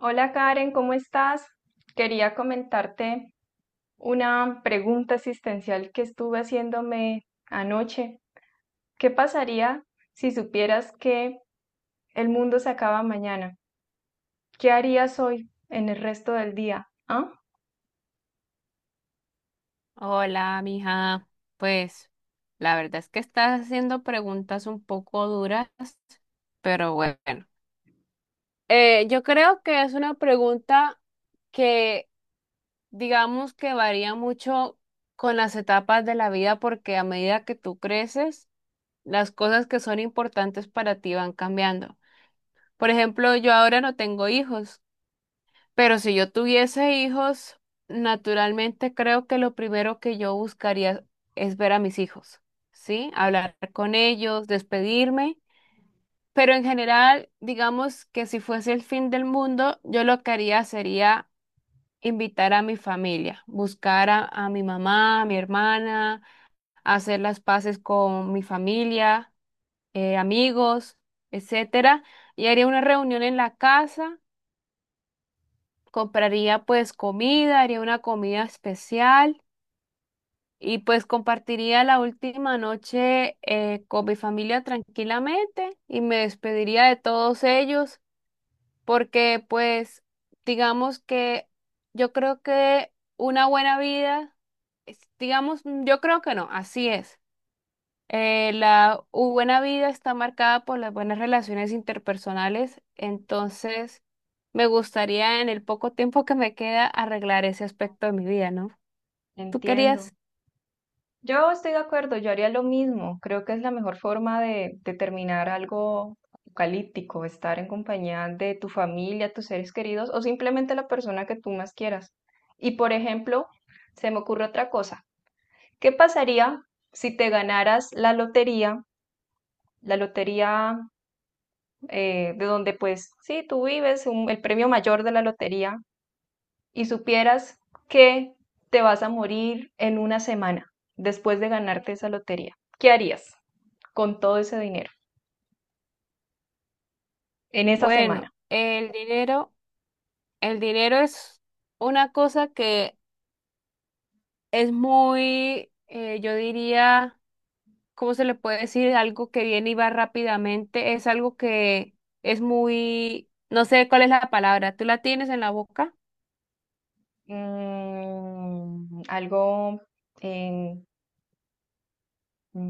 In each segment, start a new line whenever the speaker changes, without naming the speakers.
Hola Karen, ¿cómo estás? Quería comentarte una pregunta existencial que estuve haciéndome anoche. ¿Qué pasaría si supieras que el mundo se acaba mañana? ¿Qué harías hoy en el resto del día? ¿Ah?
Hola, mija. Pues la verdad es que estás haciendo preguntas un poco duras, pero bueno. Yo creo que es una pregunta que digamos que varía mucho con las etapas de la vida porque a medida que tú creces, las cosas que son importantes para ti van cambiando. Por ejemplo, yo ahora no tengo hijos. Pero si yo tuviese hijos, naturalmente creo que lo primero que yo buscaría es ver a mis hijos, ¿sí? Hablar con ellos, despedirme. Pero en general, digamos que si fuese el fin del mundo, yo lo que haría sería invitar a mi familia, buscar a mi mamá, a mi hermana, hacer las paces con mi familia, amigos, etcétera. Y haría una reunión en la casa. Compraría pues comida, haría una comida especial y pues compartiría la última noche con mi familia tranquilamente y me despediría de todos ellos porque pues digamos que yo creo que una buena vida, digamos, yo creo que no, así es. La buena vida está marcada por las buenas relaciones interpersonales, entonces me gustaría en el poco tiempo que me queda arreglar ese aspecto de mi vida, ¿no? ¿Tú
Entiendo.
querías?
Yo estoy de acuerdo, yo haría lo mismo. Creo que es la mejor forma de terminar algo apocalíptico, estar en compañía de tu familia, tus seres queridos o simplemente la persona que tú más quieras. Y por ejemplo, se me ocurre otra cosa. ¿Qué pasaría si te ganaras la lotería de donde pues sí, tú vives, el premio mayor de la lotería, y supieras que te vas a morir en una semana después de ganarte esa lotería? ¿Qué harías con todo ese dinero en esa
Bueno,
semana?
el dinero es una cosa que es muy, yo diría, ¿cómo se le puede decir? Algo que viene y va rápidamente, es algo que es muy, no sé cuál es la palabra, ¿tú la tienes en la boca?
Mm, algo eh,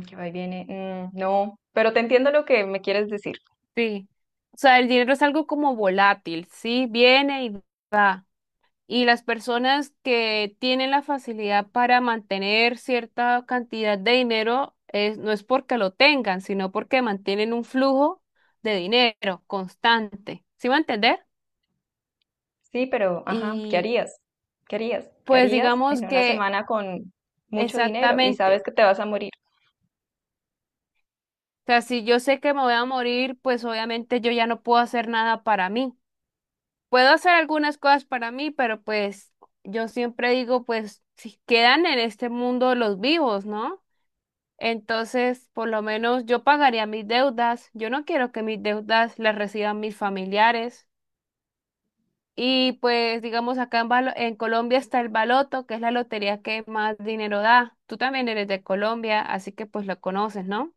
que va y viene. Mm, no, pero te entiendo lo que me quieres decir.
Sí, o sea, el dinero es algo como volátil, sí, viene y va. Y las personas que tienen la facilidad para mantener cierta cantidad de dinero es, no es porque lo tengan, sino porque mantienen un flujo de dinero constante. ¿Sí va a entender?
Sí, pero, ajá, ¿qué
Y
harías? ¿Qué harías? ¿Qué
pues
harías
digamos
en una
que
semana con mucho dinero y sabes
exactamente,
que te vas a morir?
o sea, si yo sé que me voy a morir, pues obviamente yo ya no puedo hacer nada para mí. Puedo hacer algunas cosas para mí, pero pues yo siempre digo, pues si quedan en este mundo los vivos, ¿no? Entonces, por lo menos yo pagaría mis deudas. Yo no quiero que mis deudas las reciban mis familiares. Y pues, digamos, acá en Colombia está el baloto, que es la lotería que más dinero da. Tú también eres de Colombia, así que pues lo conoces, ¿no?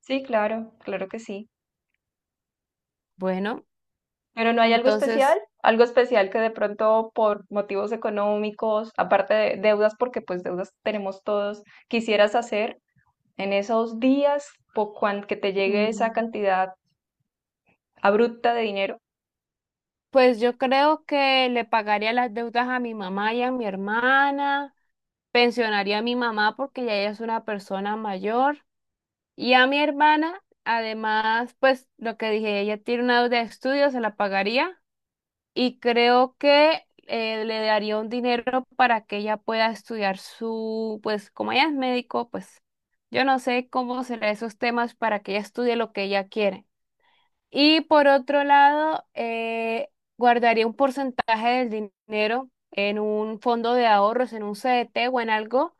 Sí, claro, claro que sí.
Bueno,
Pero no hay
entonces,
algo especial que de pronto por motivos económicos, aparte de deudas, porque pues deudas tenemos todos, quisieras hacer en esos días por cuan que te llegue esa
mm,
cantidad abrupta de dinero.
pues yo creo que le pagaría las deudas a mi mamá y a mi hermana. Pensionaría a mi mamá porque ya ella es una persona mayor y a mi hermana, además, pues lo que dije, ella tiene una deuda de estudio, se la pagaría y creo que le daría un dinero para que ella pueda estudiar su, pues como ella es médico, pues yo no sé cómo serán esos temas para que ella estudie lo que ella quiere. Y por otro lado, guardaría un porcentaje del dinero en un fondo de ahorros, en un CDT o en algo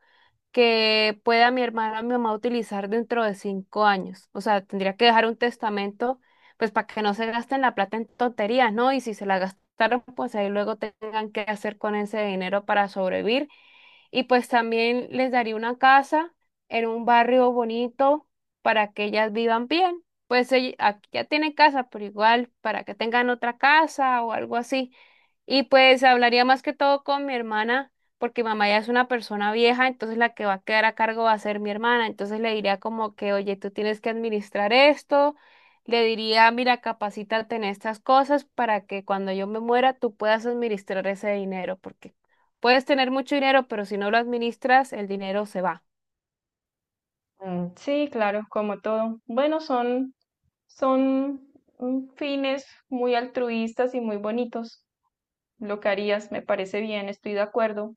que pueda mi hermana o mi mamá utilizar dentro de 5 años. O sea, tendría que dejar un testamento, pues para que no se gasten la plata en tonterías, ¿no? Y si se la gastaron, pues ahí luego tengan que hacer con ese dinero para sobrevivir. Y pues también les daría una casa en un barrio bonito para que ellas vivan bien. Aquí ya tienen casa, pero igual para que tengan otra casa o algo así. Y pues hablaría más que todo con mi hermana porque mamá ya es una persona vieja, entonces la que va a quedar a cargo va a ser mi hermana. Entonces le diría como que, oye, tú tienes que administrar esto. Le diría, mira, capacítate en estas cosas para que cuando yo me muera tú puedas administrar ese dinero, porque puedes tener mucho dinero, pero si no lo administras, el dinero se va.
Mm, sí, claro, como todo. Bueno, son, son, mm, fines muy altruistas y muy bonitos. Lo que harías, me parece bien, estoy de acuerdo.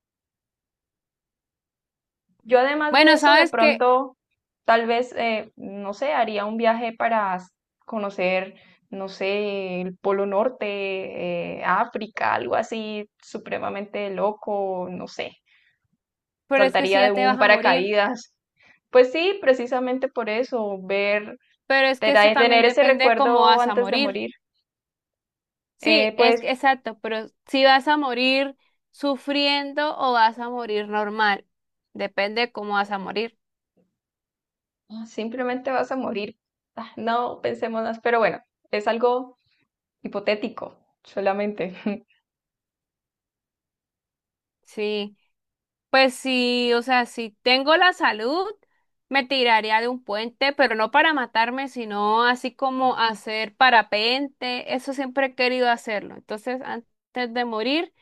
Yo además de
Bueno,
eso, de
sabes que,
pronto, tal vez, no sé, haría un viaje para conocer, no sé, el Polo Norte, África, algo así supremamente loco, no sé.
pero es que si
Saltaría de
ya te
un
vas a morir,
paracaídas. Pues sí, precisamente por eso, ver,
pero es que eso
tener
también
ese
depende de cómo
recuerdo
vas a
antes de
morir.
morir. Eh,
Sí,
pues
exacto, pero si vas a morir sufriendo o vas a morir normal, depende de cómo vas a morir.
ah, simplemente vas a morir. Ah, no pensemos más, pero bueno, es algo hipotético, solamente.
Sí, pues sí, o sea, si tengo la salud, me tiraría de un puente, pero no para matarme, sino así como hacer parapente, eso siempre he querido hacerlo. Entonces, antes de morir,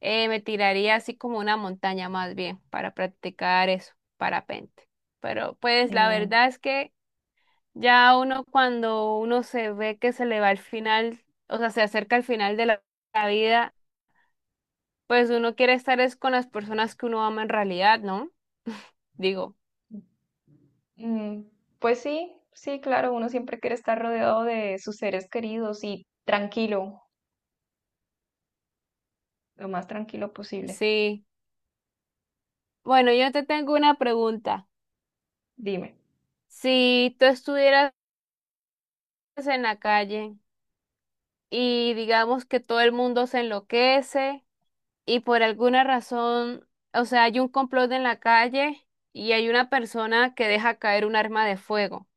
me tiraría así como una montaña más bien para practicar eso, parapente. Pero pues la
Mm.
verdad es que... Ya uno cuando uno se ve que se le va al final, o sea, se acerca al final de la vida, pues uno quiere estar es con las personas que uno ama en realidad, ¿no? Digo,
Mm, pues sí, sí, claro, uno siempre quiere estar rodeado de sus seres queridos y tranquilo, lo más tranquilo posible.
sí. Bueno, yo te tengo una pregunta.
Dime,
Si tú estuvieras en la calle y digamos que todo el mundo se enloquece y por alguna razón, o sea, hay un complot en la calle y hay una persona que deja caer un arma de fuego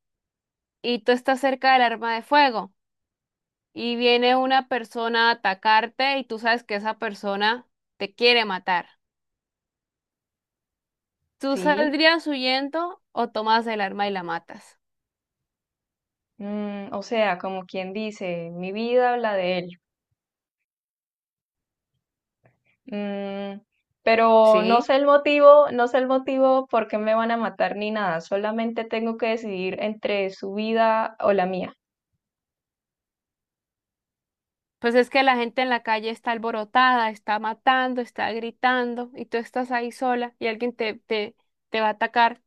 y tú estás cerca del arma de fuego. Y viene una persona a atacarte y tú sabes que esa persona te quiere matar. ¿Tú
sí,
saldrías huyendo o tomas el arma y la matas?
mm, o sea, como quien dice, mi vida, la de él. Mm, pero no
Sí.
sé el motivo, no sé el motivo por qué me van a matar ni nada, solamente tengo que decidir entre su vida o la mía.
Pues es que la gente en la calle está alborotada, está matando, está gritando y tú estás ahí sola y alguien te va a atacar.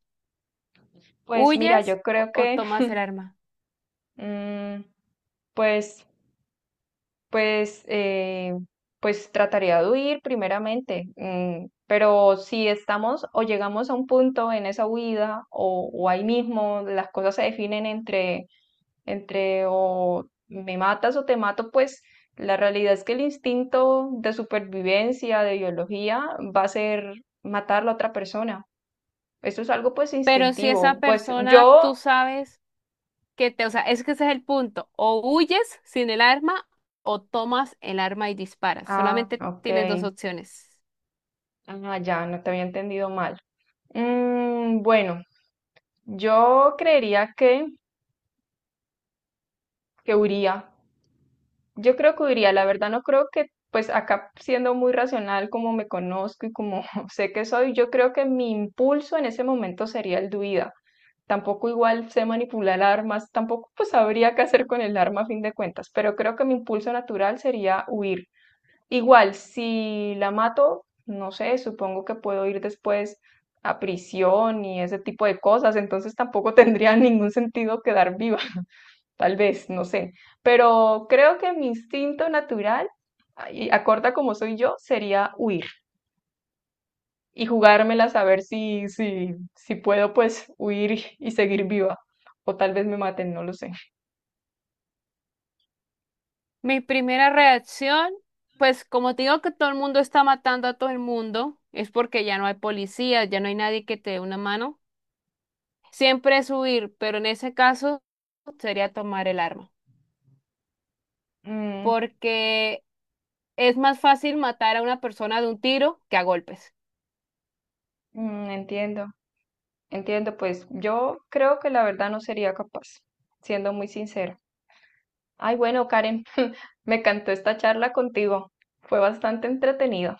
Pues mira,
¿Huyes
yo creo
o
que,
tomas el arma?
mm, pues Pues, pues trataría de huir primeramente, mm, pero si estamos o llegamos a un punto en esa huida o ahí mismo las cosas se definen entre, entre o me matas o te mato, pues la realidad es que el instinto de supervivencia, de biología, va a ser matar a la otra persona. Eso es algo pues
Pero si esa
instintivo.
persona tú sabes que te, o sea, es que ese es el punto. O huyes sin el arma o tomas el arma y disparas.
Ah,
Solamente
ok,
tienes dos opciones.
ah, ya, no te había entendido mal. Mm, bueno. Yo creería que, que huiría. Yo creo que huiría. La verdad no creo que, pues acá siendo muy racional como me conozco y como sé que soy, yo creo que mi impulso en ese momento sería el de huida. Tampoco igual sé manipular armas, tampoco pues sabría qué hacer con el arma a fin de cuentas, pero creo que mi impulso natural sería huir. Igual, si la mato, no sé, supongo que puedo ir después a prisión y ese tipo de cosas, entonces tampoco tendría ningún sentido quedar viva. Tal vez, no sé. Pero creo que mi instinto natural, y acorta como soy yo, sería huir y jugármelas a ver si, si puedo pues huir y seguir viva. O tal vez me maten, no lo sé.
Mi primera reacción, pues como te digo que todo el mundo está matando a todo el mundo, es porque ya no hay policía, ya no hay nadie que te dé una mano. Siempre es huir, pero en ese caso sería tomar el arma,
Mm,
porque es más fácil matar a una persona de un tiro que a golpes.
mm, entiendo, entiendo. Pues yo creo que la verdad no sería capaz, siendo muy sincera. Ay, bueno, Karen, me encantó esta charla contigo. Fue bastante entretenida,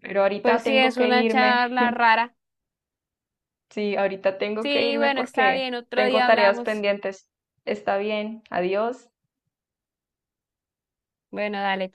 pero ahorita
Pues sí,
tengo
es
que
una
irme.
charla rara.
Sí, ahorita tengo que
Sí,
irme
bueno, está
porque
bien, otro
tengo
día
tareas
hablamos.
pendientes. Está bien, adiós.
Bueno, dale.